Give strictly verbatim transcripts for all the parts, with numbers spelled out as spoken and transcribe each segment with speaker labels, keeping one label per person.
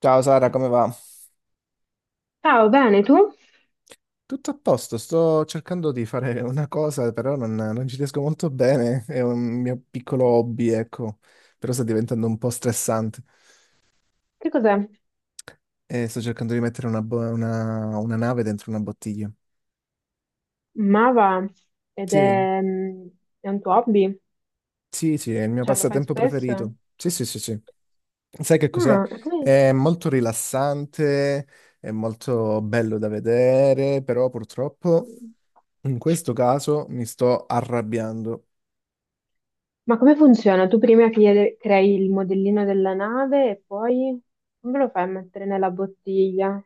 Speaker 1: Ciao Sara, come va?
Speaker 2: Ciao, bene, tu?
Speaker 1: Tutto a posto, sto cercando di fare una cosa, però non, non ci riesco molto bene, è un mio piccolo hobby, ecco, però sta diventando un po' stressante
Speaker 2: Che cos'è?
Speaker 1: e sto cercando di mettere una, bo- una- una nave dentro una bottiglia.
Speaker 2: Mava ed
Speaker 1: Sì,
Speaker 2: è, mm, è un tuo hobby?
Speaker 1: sì, sì, è il mio
Speaker 2: Cioè, lo fai
Speaker 1: passatempo preferito.
Speaker 2: spesso?
Speaker 1: Sì, sì, sì, sì. Sai che cos'è?
Speaker 2: Ah, e come-
Speaker 1: È molto rilassante, è molto bello da vedere, però purtroppo in questo caso mi sto arrabbiando.
Speaker 2: Ma come funziona? Tu prima chiede- crei il modellino della nave e poi come lo fai a mettere nella bottiglia?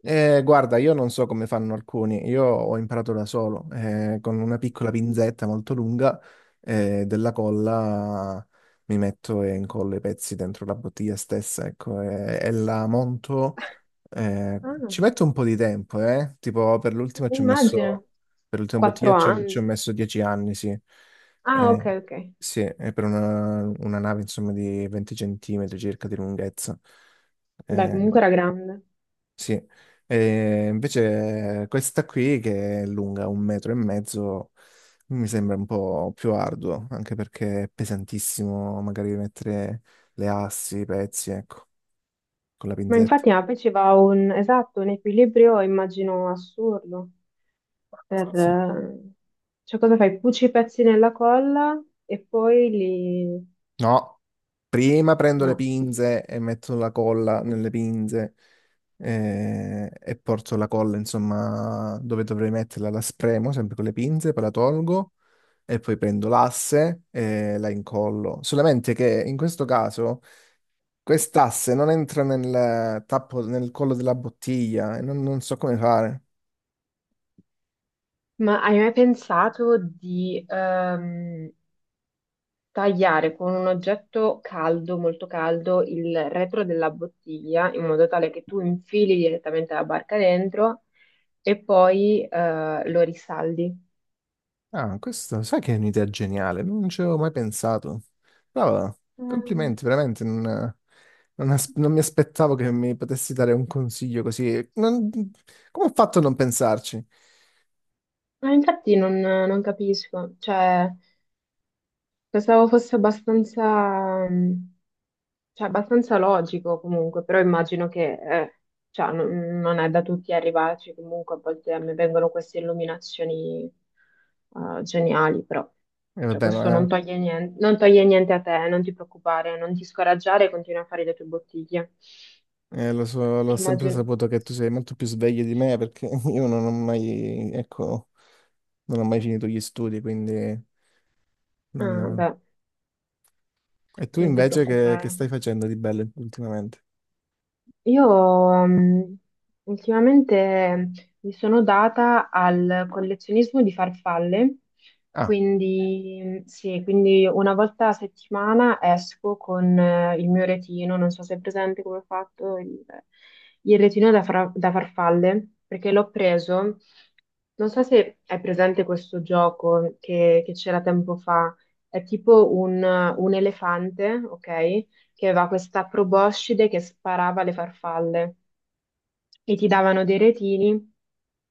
Speaker 1: Eh, guarda, io non so come fanno alcuni, io ho imparato da solo, eh, con una piccola pinzetta molto lunga, eh, della colla mi metto e incollo i pezzi dentro la bottiglia stessa, ecco, e, e la monto, eh,
Speaker 2: Ah,
Speaker 1: ci metto un po' di tempo, eh, tipo per l'ultima ci ho
Speaker 2: immagino.
Speaker 1: messo, per l'ultima
Speaker 2: Quattro
Speaker 1: bottiglia ci ho, ci ho
Speaker 2: anni.
Speaker 1: messo dieci anni, sì.
Speaker 2: Ah, ok,
Speaker 1: Eh,
Speaker 2: ok.
Speaker 1: sì, è per una, una nave insomma di venti centimetri circa di lunghezza.
Speaker 2: Beh,
Speaker 1: Eh,
Speaker 2: comunque era grande.
Speaker 1: sì, e invece eh, questa qui che è lunga un metro e mezzo mi sembra un po' più arduo, anche perché è pesantissimo magari mettere le assi, i pezzi, ecco, con la
Speaker 2: Ma
Speaker 1: pinzetta.
Speaker 2: infatti, ma poi ci va un, esatto, un equilibrio, immagino, assurdo. Per,
Speaker 1: Sì. Sì.
Speaker 2: eh, cioè, cosa fai? Cuci i pezzi nella colla e poi li.
Speaker 1: No, prima prendo le
Speaker 2: No.
Speaker 1: pinze e metto la colla nelle pinze, eh, e porto la colla, insomma, dove dovrei metterla, la spremo sempre con le pinze, poi la tolgo e poi prendo l'asse e la incollo. Solamente che in questo caso quest'asse non entra nel tappo, nel collo della bottiglia e non, non so come fare.
Speaker 2: Ma hai mai pensato di ehm, tagliare con un oggetto caldo, molto caldo, il retro della bottiglia in modo tale che tu infili direttamente la barca dentro e poi eh, lo risaldi?
Speaker 1: Ah, questo, sai che è un'idea geniale, non ci avevo mai pensato. Brava,
Speaker 2: Mm.
Speaker 1: complimenti, veramente non, non as- non mi aspettavo che mi potessi dare un consiglio così. Non- come ho fatto a non pensarci?
Speaker 2: Ma infatti non, non capisco, cioè. Pensavo fosse abbastanza, mh, cioè, abbastanza logico comunque, però immagino che eh, cioè, non, non è da tutti arrivarci. Comunque a volte a me vengono queste illuminazioni eh, geniali, però
Speaker 1: E
Speaker 2: cioè,
Speaker 1: vabbè,
Speaker 2: questo non
Speaker 1: ma
Speaker 2: toglie niente, non toglie niente a te, non ti preoccupare, non ti scoraggiare, continua a fare le tue bottiglie,
Speaker 1: Eh, lo so, l'ho
Speaker 2: che
Speaker 1: sempre
Speaker 2: immagino.
Speaker 1: saputo che tu sei molto più sveglio di me perché io non ho mai, ecco, non ho mai finito gli studi, quindi. Non
Speaker 2: Ah,
Speaker 1: ho-
Speaker 2: beh,
Speaker 1: E tu
Speaker 2: non ti
Speaker 1: invece che, che
Speaker 2: preoccupare.
Speaker 1: stai facendo di bello ultimamente?
Speaker 2: Io mm, ultimamente mi sono data al collezionismo di farfalle.
Speaker 1: Ah,
Speaker 2: Quindi mm, sì, quindi una volta a settimana esco con eh, il mio retino, non so se è presente come ho fatto il, il retino da, fra- da farfalle, perché l'ho preso. Non so se è presente questo gioco che che c'era tempo fa. È tipo un, un, elefante, ok? Che aveva questa proboscide che sparava le farfalle e ti davano dei retini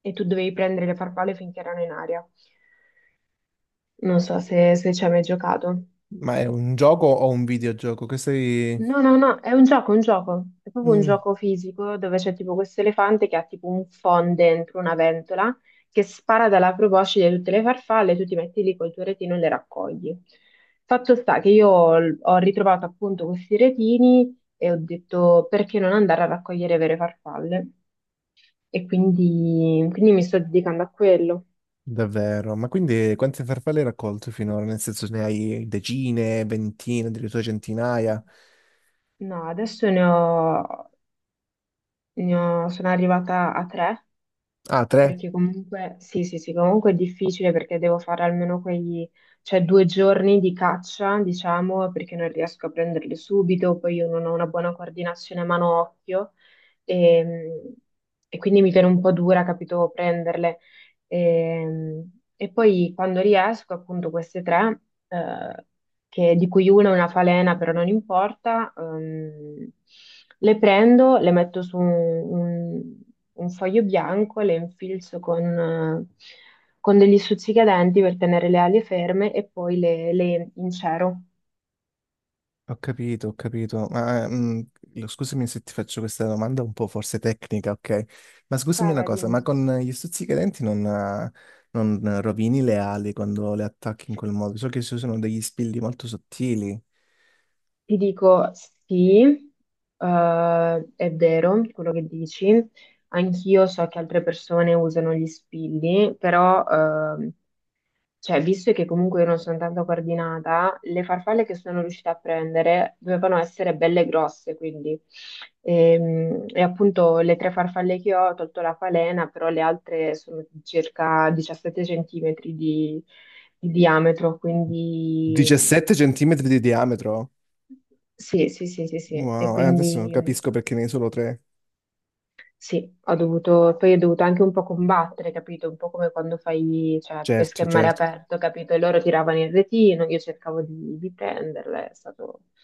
Speaker 2: e tu dovevi prendere le farfalle finché erano in aria. Non so se, se ci hai mai giocato.
Speaker 1: ma è un gioco o un videogioco? Che sei.
Speaker 2: No, no, no, è un gioco, un gioco. È proprio un
Speaker 1: Mm,
Speaker 2: gioco fisico dove c'è tipo questo elefante che ha tipo un phon dentro una ventola che spara dalla proboscide tutte le farfalle, tu ti metti lì col tuo retino e le raccogli. Fatto sta che io ho ho ritrovato appunto questi retini e ho detto, perché non andare a raccogliere vere farfalle? E quindi, quindi mi sto dedicando a quello.
Speaker 1: Davvero? Ma quindi quante farfalle hai raccolto finora? Nel senso ne hai decine, ventine, addirittura centinaia?
Speaker 2: No, adesso ne ho, ne ho- sono arrivata a tre.
Speaker 1: Ah, tre?
Speaker 2: Perché comunque, sì, sì, sì, comunque è difficile perché devo fare almeno quei, cioè, due giorni di caccia, diciamo. Perché non riesco a prenderli subito, poi io non ho una buona coordinazione mano-occhio, e, e quindi mi viene un po' dura, capito, prenderle. E, e poi quando riesco, appunto, queste tre, eh, che- di cui una è una falena, però non importa, ehm, le prendo, le metto su un, un- un foglio bianco, le infilzo con, eh, con degli stuzzicadenti per tenere le ali ferme e poi le, le incero.
Speaker 1: Ho capito, ho capito. Ma, eh, mh, lo- scusami se ti faccio questa domanda un po' forse tecnica, ok? Ma scusami
Speaker 2: Vai,
Speaker 1: una
Speaker 2: vai,
Speaker 1: cosa,
Speaker 2: dimmi.
Speaker 1: ma con gli stuzzicadenti non, eh, non rovini le ali quando le attacchi in quel modo? So che ci sono degli spilli molto sottili.
Speaker 2: Ti dico sì, eh, è vero quello che dici. Anch'io so che altre persone usano gli spilli, però ehm, Cioè, visto che comunque io non sono tanto coordinata, le farfalle che sono riuscita a prendere dovevano essere belle grosse, quindi. Ehm, E, appunto le tre farfalle che ho, ho tolto la falena, però le altre sono di circa diciassette centimetri di, di diametro, quindi
Speaker 1: diciassette centimetri di diametro?
Speaker 2: sì, sì, sì, sì, sì. E
Speaker 1: Wow, eh, adesso
Speaker 2: quindi
Speaker 1: capisco perché ne hai solo tre.
Speaker 2: sì, ho dovuto, poi ho dovuto anche un po' combattere, capito? Un po' come quando fai, cioè, pesca
Speaker 1: Certo,
Speaker 2: in mare
Speaker 1: certo.
Speaker 2: aperto, capito? E loro tiravano il retino, io cercavo di, di prenderle, è stato, è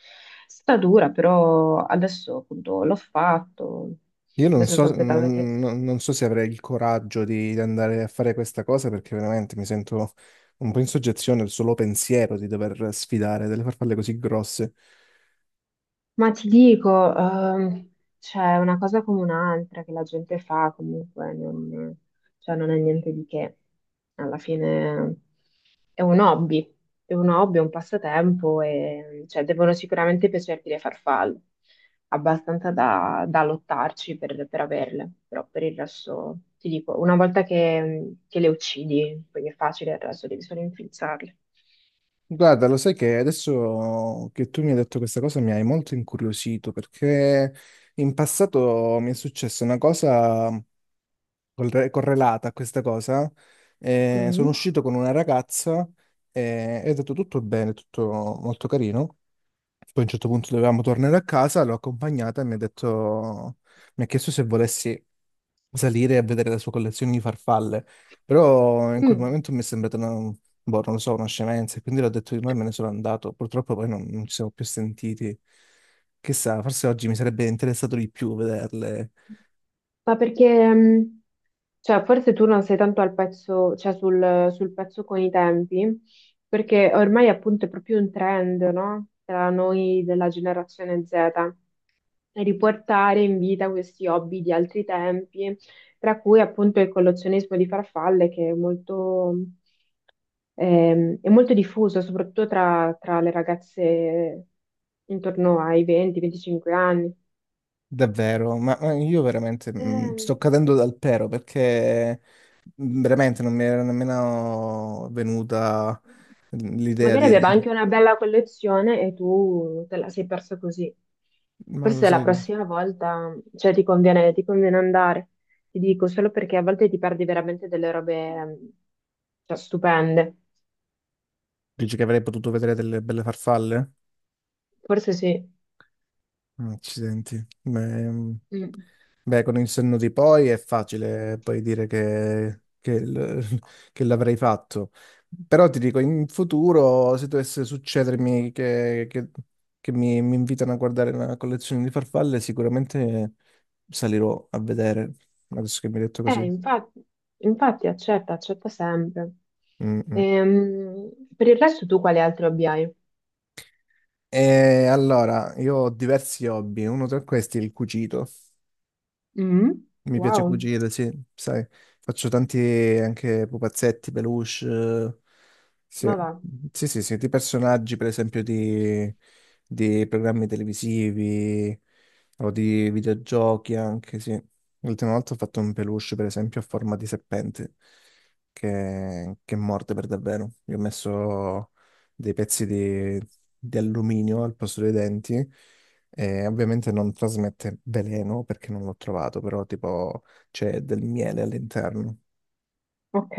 Speaker 2: stata dura. Però adesso appunto l'ho fatto,
Speaker 1: Io non
Speaker 2: adesso
Speaker 1: so,
Speaker 2: sto aspettando che.
Speaker 1: non- non- non so se avrei il coraggio di, di andare a fare questa cosa perché veramente mi sento un po' in soggezione al solo pensiero di dover sfidare delle farfalle così grosse.
Speaker 2: Ma ti dico, ehm, c'è una cosa come un'altra che la gente fa comunque, non, cioè non è niente di che. Alla fine è un hobby, è un hobby, è un passatempo, e cioè, devono sicuramente piacerti le farfalle, abbastanza da, da lottarci per, per averle. Però per il resto ti dico, una volta che, che le uccidi, poi è facile, il resto devi solo infilzarle.
Speaker 1: Guarda, lo sai che adesso che tu mi hai detto questa cosa mi hai molto incuriosito perché in passato mi è successa una cosa corre- correlata a questa cosa. Eh, sono
Speaker 2: Mm.
Speaker 1: uscito con una ragazza e è andato tutto bene, tutto molto carino. Poi a un certo punto dovevamo tornare a casa, l'ho accompagnata e mi ha detto, mi ha chiesto se volessi salire a vedere la sua collezione di farfalle, però in quel
Speaker 2: Mm.
Speaker 1: momento mi è sembrata una, boh, non lo so, una scemenza, e quindi l'ho detto di no e me ne sono andato. Purtroppo poi non, non ci siamo più sentiti. Chissà, forse oggi mi sarebbe interessato di più vederle.
Speaker 2: Ma perché, mh, cioè, forse tu non sei tanto al pezzo, cioè sul, sul pezzo con i tempi, perché ormai appunto è proprio un trend, no? Tra noi della generazione zeta, e riportare in vita questi hobby di altri tempi, tra cui appunto il collezionismo di farfalle, che è molto, ehm, è molto diffuso, soprattutto tra, tra le ragazze intorno ai venti a venticinque anni.
Speaker 1: Davvero, ma ma io veramente mm,
Speaker 2: Ehm,
Speaker 1: sto cadendo dal pero perché mm, veramente non mi era nemmeno venuta mm, l'idea
Speaker 2: Magari
Speaker 1: di.
Speaker 2: aveva anche una bella collezione e tu te la sei persa così.
Speaker 1: Ma lo
Speaker 2: Forse la
Speaker 1: sai, che-
Speaker 2: prossima volta, cioè, ti conviene, ti conviene andare. Ti dico solo perché a volte ti perdi veramente delle robe, mm, cioè, stupende.
Speaker 1: dici che avrei potuto vedere delle belle farfalle?
Speaker 2: Forse sì.
Speaker 1: Accidenti. Beh, mm,
Speaker 2: Mm.
Speaker 1: beh, con il senno di poi è facile poi dire che, che l- che l'avrei fatto. Però ti dico, in futuro, se dovesse succedermi che, che- che mi, mi invitano a guardare una collezione di farfalle, sicuramente salirò a vedere, adesso che mi hai detto
Speaker 2: Eh,
Speaker 1: così.
Speaker 2: infatti, infatti accetta, accetta sempre.
Speaker 1: Mm, mm.
Speaker 2: Ehm, per il resto tu quali altri hobby hai?
Speaker 1: E allora, io ho diversi hobby, uno tra questi è il cucito.
Speaker 2: Mm?
Speaker 1: Mi piace
Speaker 2: Wow,
Speaker 1: cucire, sì, sai, faccio tanti anche pupazzetti, peluche, eh, sì,
Speaker 2: ma va.
Speaker 1: sì, sì, sì, di personaggi, per esempio, di, di programmi televisivi o di videogiochi anche, sì. L'ultima volta ho fatto un peluche, per esempio, a forma di serpente, che, che morde per davvero. Io ho messo dei pezzi di, di alluminio al posto dei denti e ovviamente non trasmette veleno perché non l'ho trovato, però tipo c'è del miele all'interno.
Speaker 2: Ok.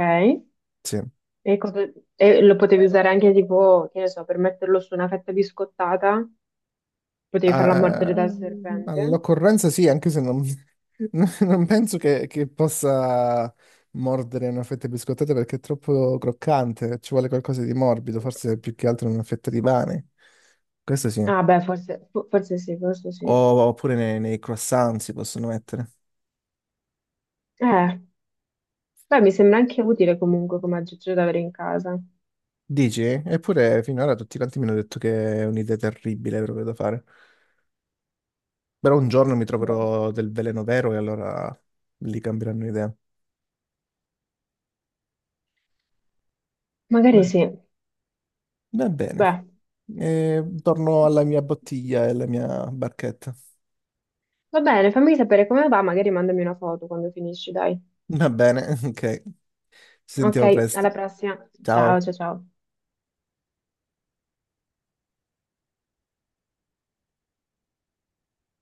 Speaker 1: Sì.
Speaker 2: E, cosa- e lo potevi usare anche tipo, che ne so, per metterlo su una fetta biscottata, potevi farla
Speaker 1: Ah,
Speaker 2: mordere dal serpente.
Speaker 1: all'occorrenza sì, anche se non, non penso che, che possa mordere una fetta di biscottata perché è troppo croccante, ci vuole qualcosa di morbido, forse più che altro una fetta di pane. Questo sì.
Speaker 2: Ah beh, forse, fo- forse sì, forse sì.
Speaker 1: O- oppure nei, nei, croissant si possono mettere.
Speaker 2: Eh, Beh, mi sembra anche utile comunque come aggeggio da avere in casa.
Speaker 1: Dici? Eppure finora tutti quanti mi hanno detto che è un'idea terribile proprio da fare. Però un giorno mi
Speaker 2: Boh,
Speaker 1: troverò del veleno vero e allora lì cambieranno idea. Beh,
Speaker 2: magari sì.
Speaker 1: va bene.
Speaker 2: Beh,
Speaker 1: E torno alla mia bottiglia e alla mia barchetta.
Speaker 2: va bene, fammi sapere come va, magari mandami una foto quando finisci, dai.
Speaker 1: Va bene, ok. Ci sentiamo
Speaker 2: Ok, alla
Speaker 1: presto.
Speaker 2: prossima. Ciao,
Speaker 1: Ciao.
Speaker 2: ciao, ciao.